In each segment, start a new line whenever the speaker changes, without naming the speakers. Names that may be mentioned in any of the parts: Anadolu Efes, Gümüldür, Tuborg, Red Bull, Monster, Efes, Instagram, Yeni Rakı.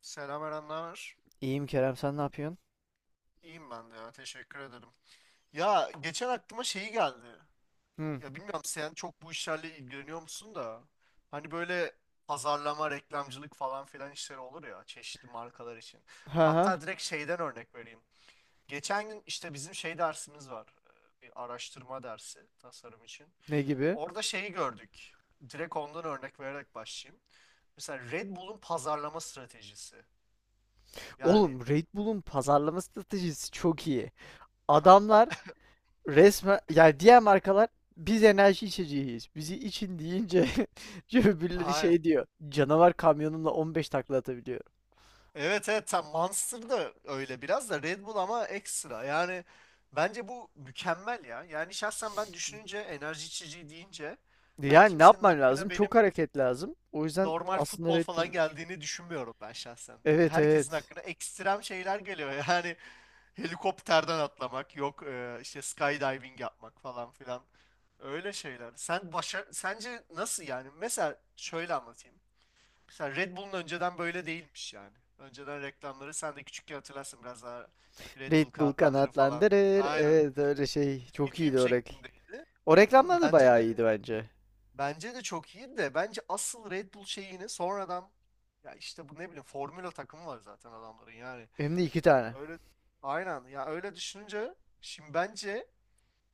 Selam Eren, ne haber?
İyiyim Kerem, sen ne yapıyorsun?
İyiyim ben de ya, teşekkür ederim. Ya geçen aklıma şeyi geldi.
Hı.
Ya bilmiyorum sen çok bu işlerle ilgileniyor musun da. Hani böyle pazarlama, reklamcılık falan filan işleri olur ya çeşitli markalar için.
Ha ha.
Hatta direkt şeyden örnek vereyim. Geçen gün işte bizim şey dersimiz var. Bir araştırma dersi tasarım için.
Ne gibi?
Orada şeyi gördük. Direkt ondan örnek vererek başlayayım. Mesela Red Bull'un pazarlama stratejisi. Yani.
Oğlum Red Bull'un pazarlama stratejisi çok iyi.
Aha.
Adamlar resmen, yani diğer markalar biz enerji içeceğiyiz. Bizi için deyince öbürleri
Aynen.
şey diyor. Canavar kamyonumla 15 takla atabiliyor.
Evet evet tam Monster da öyle biraz da Red Bull ama ekstra. Yani bence bu mükemmel ya. Yani şahsen ben düşününce enerji içeceği deyince hani
Yani ne
kimsenin
yapman lazım?
hakkına benim
Çok hareket lazım. O yüzden
normal
aslında
futbol
Red Bull'un
falan
küçük.
geldiğini düşünmüyorum ben şahsen.
Evet,
Herkesin
evet.
hakkına ekstrem şeyler geliyor. Yani helikopterden atlamak yok işte skydiving yapmak falan filan. Öyle şeyler. Sen başa sence nasıl yani? Mesela şöyle anlatayım. Mesela Red Bull'un önceden böyle değilmiş yani. Önceden reklamları sen de küçükken hatırlarsın biraz daha Red
Red
Bull
Bull
kağıtlandırı falan.
kanatlandırır.
Aynen.
Evet, öyle şey.
Çizgi
Çok
film
iyiydi o.
şeklindeydi.
O reklamlar da
Bence de
bayağı iyiydi bence.
çok iyi de bence asıl Red Bull şeyini sonradan ya işte bu ne bileyim Formula takımı var zaten adamların yani.
Hem de iki tane.
Öyle aynen ya öyle düşününce şimdi bence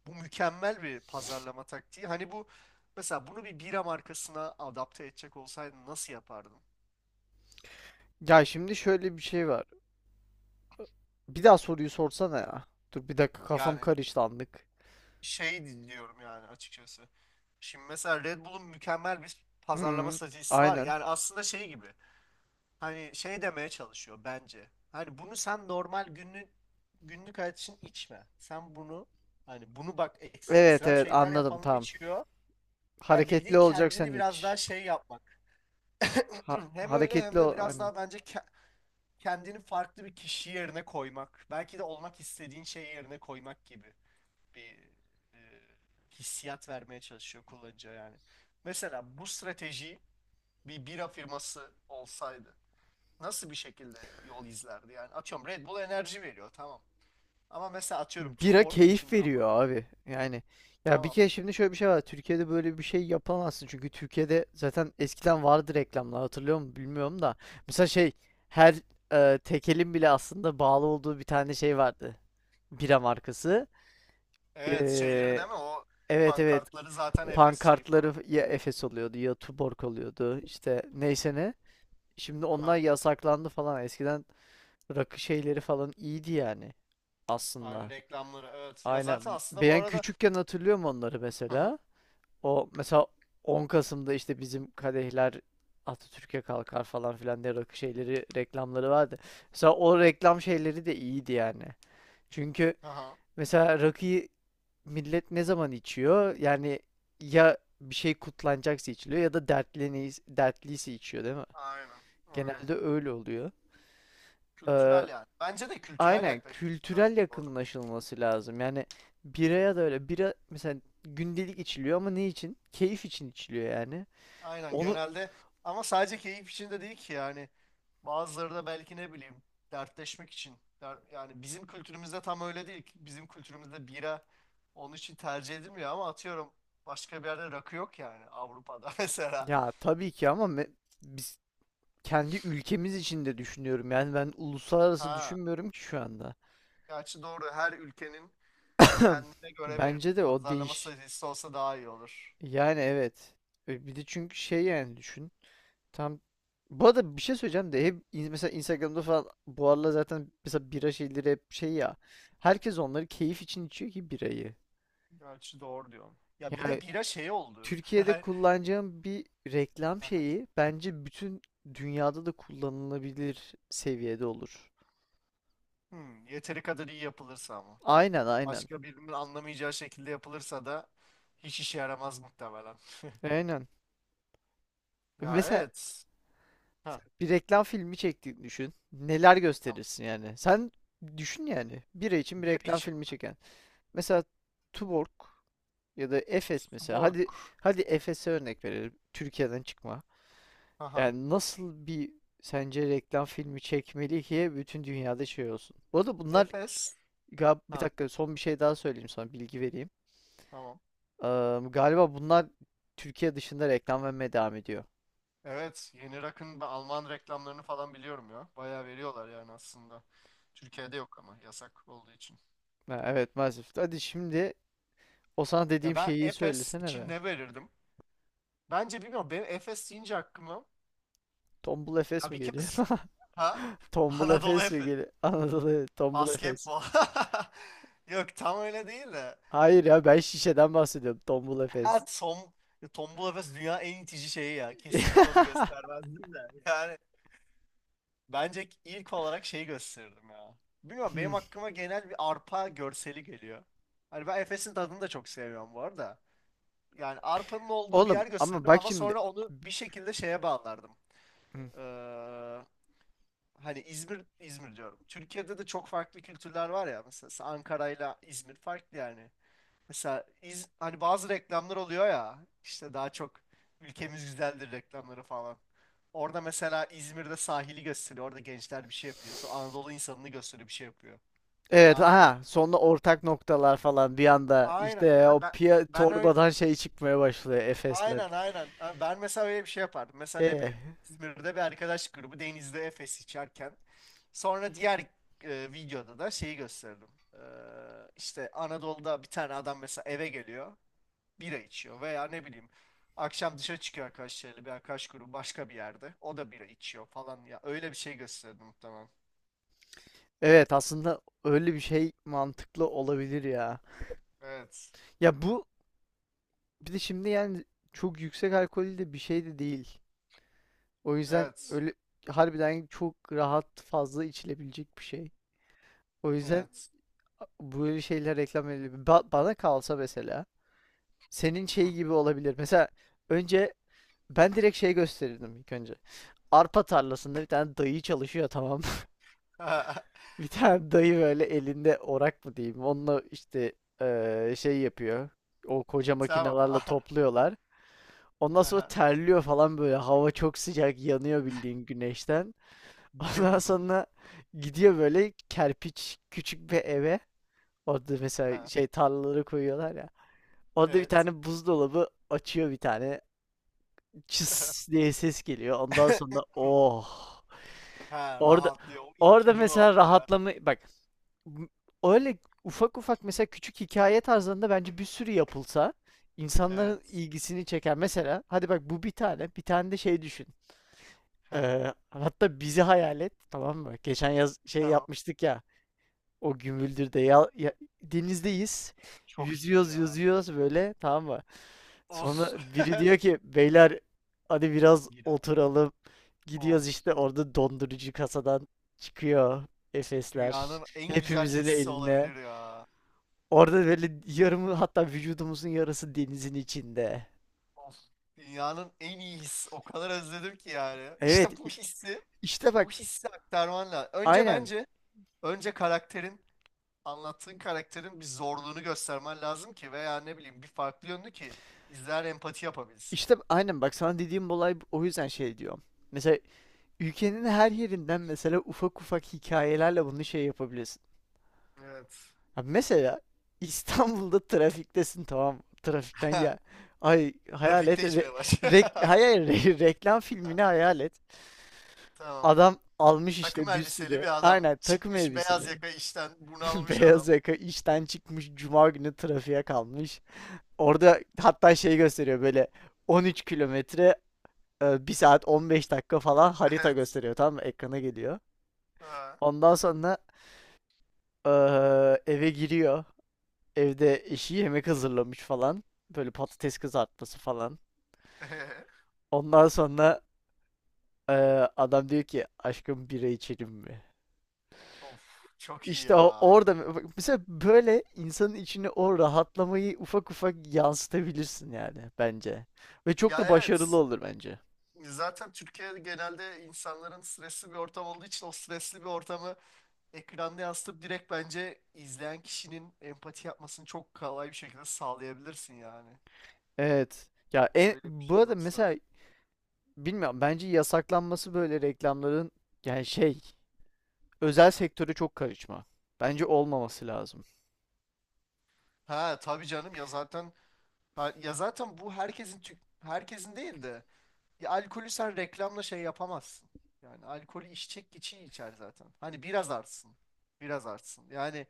bu mükemmel bir pazarlama taktiği. Hani bu mesela bunu bir bira markasına adapte edecek olsaydın nasıl yapardın?
Ya şimdi şöyle bir şey var. Bir daha soruyu sorsana ya. Dur bir dakika, kafam
Yani
karıştı anlık.
şey dinliyorum yani açıkçası. Şimdi mesela Red Bull'un mükemmel bir pazarlama
Hı,
stratejisi var.
aynen.
Yani aslında şey gibi. Hani şey demeye çalışıyor bence. Hani bunu sen normal günlük hayat için içme. Sen bunu hani bunu bak
Evet,
ekstrem
evet,
şeyler
anladım,
yapanlar
tamam.
içiyor. Ya
Hareketli
bildiğin
olacaksan
kendini biraz daha
iç.
şey yapmak. Hem öyle hem
Hareketli
de
ol.
biraz
Hani
daha bence kendini farklı bir kişi yerine koymak. Belki de olmak istediğin şey yerine koymak gibi bir e, hissiyat vermeye çalışıyor kullanıcıya yani. Mesela bu strateji bir bira firması olsaydı nasıl bir şekilde yol izlerdi? Yani atıyorum Red Bull enerji veriyor tamam. Ama mesela atıyorum
bira
Tuborg
keyif
için ne
veriyor
yapardın?
abi. Yani ya bir
Tamam.
kere şimdi şöyle bir şey var. Türkiye'de böyle bir şey yapamazsın. Çünkü Türkiye'de zaten eskiden vardı reklamlar, hatırlıyor musun bilmiyorum da. Mesela şey, her tekelin bile aslında bağlı olduğu bir tane şey vardı. Bira markası.
Evet şeyleri
Ee,
değil mi? O
evet, evet,
pankartları zaten Efes şeyi
pankartları
falan.
ya Efes oluyordu ya Tuborg oluyordu işte, neyse ne. Şimdi onlar
Aha.
yasaklandı falan. Eskiden rakı şeyleri falan iyiydi yani
Aynen
aslında.
reklamları evet. Ya zaten
Aynen.
aslında bu
Ben
arada
küçükken hatırlıyorum onları
hı hı.
mesela. O mesela 10 Kasım'da işte bizim kadehler Atatürk'e kalkar falan filan diye rakı şeyleri reklamları vardı. Mesela o reklam şeyleri de iyiydi yani. Çünkü
Aha.
mesela rakıyı millet ne zaman içiyor? Yani ya bir şey kutlanacaksa içiliyor, ya da dertliyse içiyor, değil mi?
Aynen. Aynen.
Genelde öyle oluyor. Ee,
Kültürel yani. Bence de kültürel
aynen,
yaklaşması lazım
kültürel
bu arada.
yakınlaşılması lazım. Yani
Hı
biraya da
hı.
öyle. Bira mesela gündelik içiliyor ama ne için? Keyif için içiliyor yani.
Aynen
Onu
genelde ama sadece keyif için de değil ki yani bazıları da belki ne bileyim dertleşmek için yani bizim kültürümüzde tam öyle değil ki. Bizim kültürümüzde bira onun için tercih edilmiyor ama atıyorum başka bir yerde rakı yok yani Avrupa'da mesela
ya tabii ki, ama biz kendi ülkemiz için de düşünüyorum. Yani ben uluslararası
ha
düşünmüyorum ki şu anda.
gerçi doğru her ülkenin kendine göre bir
Bence de o
pazarlama
değiş.
stratejisi olsa daha iyi olur
Yani evet. Bir de çünkü şey, yani düşün. Tam bu arada bir şey söyleyeceğim de, hep mesela Instagram'da falan bu aralar zaten mesela bira şeyleri hep şey ya. Herkes onları keyif için içiyor ki, birayı.
gerçi doğru diyorsun ya bir
Yani
de bira şey oldu
Türkiye'de
yani,
kullanacağım bir reklam şeyi bence bütün dünyada da kullanılabilir seviyede olur.
yeteri kadar iyi yapılırsa ama.
Aynen, aynen.
Başka birinin anlamayacağı şekilde yapılırsa da hiç işe yaramaz muhtemelen.
Aynen.
Ya
Mesela
evet. Ha,
bir reklam filmi çektiğini düşün. Neler
tamam.
gösterirsin yani? Sen düşün yani. Bira için bir
Bira
reklam
için mi?
filmi çeken. Mesela Tuborg ya da Efes mesela.
Tuborg.
Hadi hadi Efes'e örnek verelim. Türkiye'den çıkma.
Aha.
Yani nasıl bir, sence reklam filmi çekmeli ki bütün dünyada şey olsun. Bu arada bunlar
Efes.
bir
Ha,
dakika, son bir şey daha söyleyeyim, sana bilgi vereyim.
tamam.
Galiba bunlar Türkiye dışında reklam vermeye devam ediyor.
Evet, Yeni Rakın ve Alman reklamlarını falan biliyorum ya. Bayağı veriyorlar yani aslında. Türkiye'de yok ama yasak olduğu için.
Ha, evet maalesef. Hadi şimdi o sana
Ya
dediğim
ben
şeyi
Efes
söylesene
için
be.
ne verirdim? Bence bilmiyorum. Benim Efes deyince aklıma
Tombul Efes
ya
mi
bir
geliyor?
kez ha
Tombul
Anadolu
Efes mi
Efes
geliyor? Anadolu, evet, Tombul Efes.
basketbol. Yok tam öyle değil de.
Hayır ya, ben şişeden bahsediyorum. Tombul
Ha
Efes.
Tom, Tombul Efes dünya en itici şeyi ya. Kesinlikle onu göstermezdim de. Yani bence ilk olarak şeyi gösterirdim ya. Bilmiyorum benim aklıma genel bir arpa görseli geliyor. Hani ben Efes'in tadını da çok seviyorum bu arada. Yani arpanın olduğu bir
Oğlum
yer
ama
gösterdim
bak
ama
şimdi.
sonra onu bir şekilde şeye bağlardım.
Hı.
Ee, hani İzmir, İzmir diyorum. Türkiye'de de çok farklı kültürler var ya. Mesela Ankara'yla İzmir farklı yani. Mesela hani bazı reklamlar oluyor ya işte daha çok ülkemiz güzeldir reklamları falan. Orada mesela İzmir'de sahili gösteriyor. Orada gençler bir şey yapıyor. Sonra Anadolu insanını gösteriyor bir şey yapıyor.
Evet,
Anladın mı?
aha, sonra ortak noktalar falan bir anda
Aynen.
işte o piya
Ben öyle
torbadan şey çıkmaya başlıyor Efes'le.
aynen aynen. Ha, ben mesela öyle bir şey yapardım. Mesela ne
Ee,
bileyim İzmir'de bir arkadaş grubu denizde Efes içerken sonra diğer videoda da şeyi gösterdim. Ee, işte Anadolu'da bir tane adam mesela eve geliyor. Bira içiyor veya ne bileyim akşam dışarı çıkıyor arkadaşlarıyla bir arkadaş grubu başka bir yerde o da bira içiyor falan ya öyle bir şey gösterdi muhtemelen.
evet, aslında öyle bir şey mantıklı olabilir ya.
Evet.
Ya bu bir de şimdi yani, çok yüksek alkollü de bir şey de değil. O yüzden
Evet.
öyle harbiden çok rahat fazla içilebilecek bir şey. O yüzden
Evet.
böyle şeyler reklam edilebilir. Bana kalsa mesela senin
Hı.
şey gibi olabilir. Mesela önce, ben direkt şey gösterirdim ilk önce. Arpa tarlasında bir tane dayı çalışıyor, tamam. Bir tane dayı böyle elinde orak mı diyeyim. Onunla işte şey yapıyor. O koca
Tamam.
makinelerle topluyorlar. Ondan sonra
Aha.
terliyor falan böyle. Hava çok sıcak, yanıyor bildiğin güneşten.
Bira
Ondan
yudum.
sonra gidiyor böyle kerpiç küçük bir eve. Orada mesela
Ha.
şey tarlaları koyuyorlar ya. Orada bir
Evet.
tane buzdolabı açıyor, bir tane. Çıs diye ses geliyor. Ondan sonra oh.
Ha,
Orada
rahatlıyor. O ilk
orada
yudumu
mesela
alınca.
rahatlama, bak m- öyle ufak ufak mesela, küçük hikaye tarzlarında bence bir sürü yapılsa insanların
Evet.
ilgisini çeker. Mesela hadi bak, bu bir tane, bir tane de şey düşün.
Ha,
Hatta bizi hayal et, tamam mı? Geçen yaz şey
tamam.
yapmıştık ya, o Gümüldür'de ya, denizdeyiz.
Çok iyiydi
Yüzüyoruz
ya.
yüzüyoruz böyle, tamam mı? Sonra
Of.
biri diyor ki, beyler hadi biraz
Bira.
oturalım.
Of.
Gidiyoruz, işte orada dondurucu kasadan çıkıyor Efesler.
Dünyanın en güzel
Hepimizin
hissi
eline.
olabilir ya.
Orada böyle yarımı, hatta vücudumuzun yarısı denizin içinde.
Of. Dünyanın en iyi hissi. O kadar özledim ki yani.
Evet,
İşte bu hissi,
işte bak,
bu hissi aktarman lazım. Önce
aynen.
bence, önce karakterin, anlattığın karakterin bir zorluğunu göstermen lazım ki veya ne bileyim bir farklı yönünü ki izler empati yapabilsin.
İşte aynen, bak sana dediğim olay, o yüzden şey diyorum. Mesela ülkenin her yerinden, mesela ufak ufak hikayelerle bunu şey yapabilirsin.
Evet.
Ha mesela, İstanbul'da trafiktesin, tamam mı? Trafikten ya. Ay, hayal et.
Trafikte içmeye baş.
Reklam filmini hayal et.
Tamam.
Adam almış
Takım
işte bir
elbiseli
sürü.
bir adam.
Aynen, takım
Çıkmış beyaz
elbiseli.
yaka işten bunalmış adam.
Beyaz yaka işten çıkmış. Cuma günü trafiğe kalmış. Orada hatta şey gösteriyor böyle, 13 kilometre, bir saat 15 dakika falan, harita
Evet.
gösteriyor, tamam mı? Ekrana geliyor.
Ha.
Ondan sonra e, eve giriyor. Evde eşi yemek hazırlamış falan. Böyle patates kızartması falan. Ondan sonra e, adam diyor ki, aşkım bira içelim mi?
Of, çok iyi
İşte
ya.
orada bak mesela, böyle insanın içine o rahatlamayı ufak ufak yansıtabilirsin yani bence. Ve çok
Ya
da başarılı
evet.
olur bence.
Zaten Türkiye'de genelde insanların stresli bir ortam olduğu için o stresli bir ortamı ekranda yansıtıp direkt bence izleyen kişinin empati yapmasını çok kolay bir şekilde sağlayabilirsin yani.
Evet. Ya
Ya böyle bir
bu
şey
arada
olsa.
mesela, bilmiyorum, bence yasaklanması böyle reklamların, yani şey,
Hı.
özel sektöre çok karışma. Bence olmaması lazım.
Ha tabii canım ya zaten ha, ya zaten bu herkesin herkesin değil de ya alkolü sen reklamla şey yapamazsın. Yani alkolü içecek kişi içer zaten. Hani biraz artsın. Biraz artsın. Yani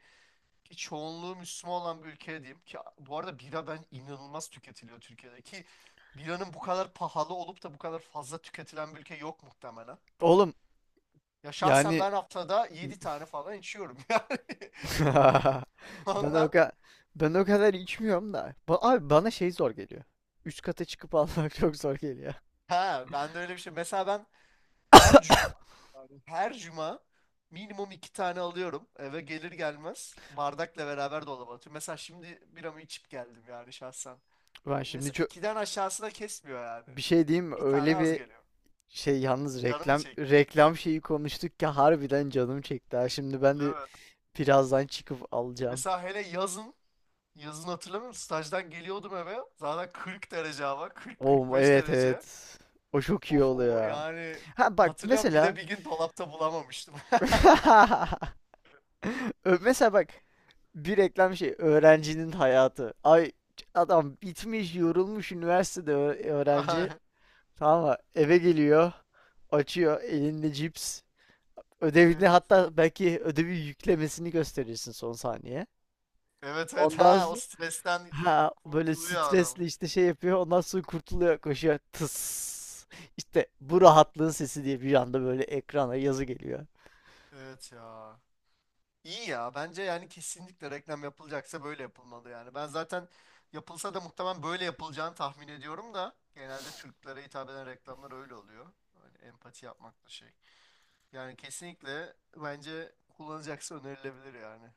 ki çoğunluğu Müslüman olan bir ülke diyeyim ki bu arada bira ben inanılmaz tüketiliyor Türkiye'de ki biranın bu kadar pahalı olup da bu kadar fazla tüketilen bir ülke yok muhtemelen.
Oğlum,
Ya şahsen
yani
ben haftada 7 tane falan içiyorum yani.
ben o
Ondan
kadar ben o kadar içmiyorum da. Abi bana şey zor geliyor. Üst kata çıkıp almak çok zor geliyor.
ha ben de öyle bir şey. Mesela ben her cuma yani her cuma minimum iki tane alıyorum. Eve gelir gelmez bardakla beraber dolaba atıyorum. Mesela şimdi biramı içip geldim yani şahsen.
Ben şimdi
Mesela
çok
ikiden aşağısına kesmiyor yani.
Bir şey diyeyim mi?
Bir tane
Öyle
az
bir
geliyor.
şey yalnız,
Canım mı
reklam
çekti?
reklam şeyi konuştuk ki harbiden canım çekti. Ha. Şimdi ben de
Evet.
birazdan çıkıp alacağım.
Mesela hele yazın, yazın hatırlamıyorum stajdan geliyordum eve zaten 40 derece hava
Oo,
40-45
evet,
derece.
evet. O çok iyi
Of
oluyor
o
ya.
yani
Ha bak
hatırlıyorum bir
mesela.
de bir gün dolapta bulamamıştım.
Mesela bak, bir reklam şey, öğrencinin hayatı. Ay, adam bitmiş yorulmuş, üniversitede
Ay,
öğrenci. Tamam mı? Eve geliyor. Açıyor, elinde cips. Ödevini,
evet
hatta belki ödevi yüklemesini gösterirsin son saniye.
evet evet
Ondan
ha
s-
o stresten
ha böyle
kurtuluyor adam.
stresli işte şey yapıyor. Ondan sonra kurtuluyor, koşuyor. Tıs. İşte bu rahatlığın sesi, diye bir anda böyle ekrana yazı geliyor.
Evet ya. İyi ya bence yani kesinlikle reklam yapılacaksa böyle yapılmalı yani. Ben zaten yapılsa da muhtemelen böyle yapılacağını tahmin ediyorum da genelde Türklere hitap eden reklamlar öyle oluyor. Hani empati yapmak da şey. Yani kesinlikle bence kullanacaksa önerilebilir yani.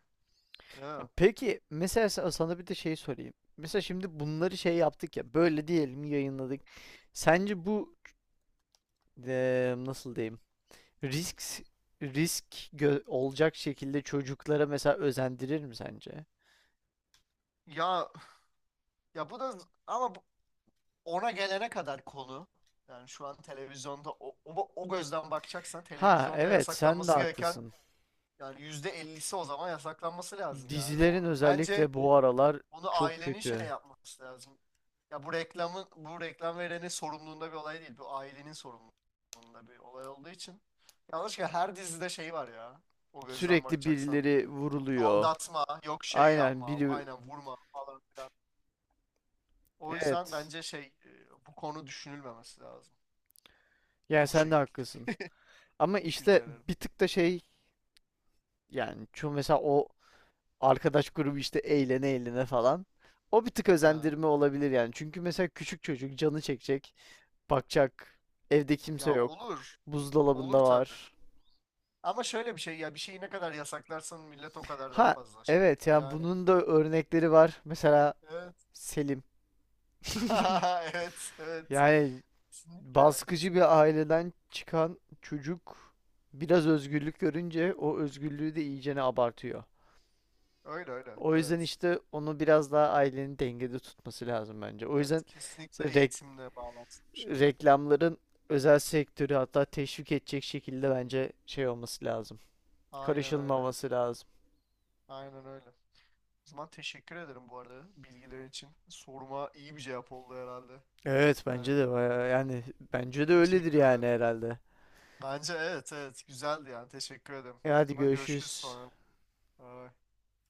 Değil mi?
Peki mesela sana bir de şey sorayım. Mesela şimdi bunları şey yaptık ya, böyle diyelim yayınladık. Sence bu nasıl diyeyim? Risk
Hı.
risk olacak şekilde çocuklara mesela özendirir mi sence?
Ya ya bu da ama ona gelene kadar konu. Yani şu an televizyonda o gözden bakacaksan
Ha
televizyonda
evet, sen de
yasaklanması gereken
haklısın.
yani %50'si o zaman yasaklanması lazım yani.
Dizilerin
O, bence
özellikle bu aralar
onu
çok
ailenin şey
kötü.
yapması lazım. Ya bu reklam verenin sorumluluğunda bir olay değil. Bu ailenin sorumluluğunda bir olay olduğu için. Yanlışlıkla her dizide şey var ya. O gözden
Sürekli
bakacaksan.
birileri
Yok
vuruluyor.
aldatma, yok şey
Aynen,
yapma,
biri,
aynen vurma falan filan. O yüzden
evet.
bence şey bu konu düşünülmemesi lazım.
Yani
Bu
sen de
şekilde
haklısın. Ama işte
düşüncelerim.
bir tık da şey, yani şu mesela, o arkadaş grubu işte eğlene eğlene falan. O bir tık
Ha.
özendirme olabilir yani. Çünkü mesela küçük çocuk canı çekecek, bakacak. Evde kimse
Ya
yok.
olur. Olur
Buzdolabında
tabii.
var.
Ama şöyle bir şey ya bir şeyi ne kadar yasaklarsan millet o kadar daha
Ha
fazla şey
evet
yapıyor.
ya,
Yani
bunun da örnekleri var. Mesela
evet.
Selim.
Evet, evet.
Yani
Kesinlikle ya
baskıcı
kesin.
bir aileden çıkan çocuk biraz özgürlük görünce, o özgürlüğü de iyicene abartıyor.
Öyle öyle.
O yüzden
Evet.
işte onu biraz daha ailenin dengede tutması lazım bence. O
Evet.
yüzden işte
Kesinlikle eğitimle bağlantılı bir şey.
reklamların özel sektörü hatta teşvik edecek şekilde bence şey olması lazım.
Aynen öyle.
Karışılmaması lazım.
Aynen öyle. O zaman teşekkür ederim bu arada bilgiler için. Soruma iyi bir cevap oldu herhalde.
Evet
Yani
bence de bayağı yani, bence de öyledir
teşekkür
yani
ederim.
herhalde.
Bence evet evet güzeldi yani teşekkür ederim.
E
O
hadi,
zaman görüşürüz
görüşürüz.
sonra. Bye.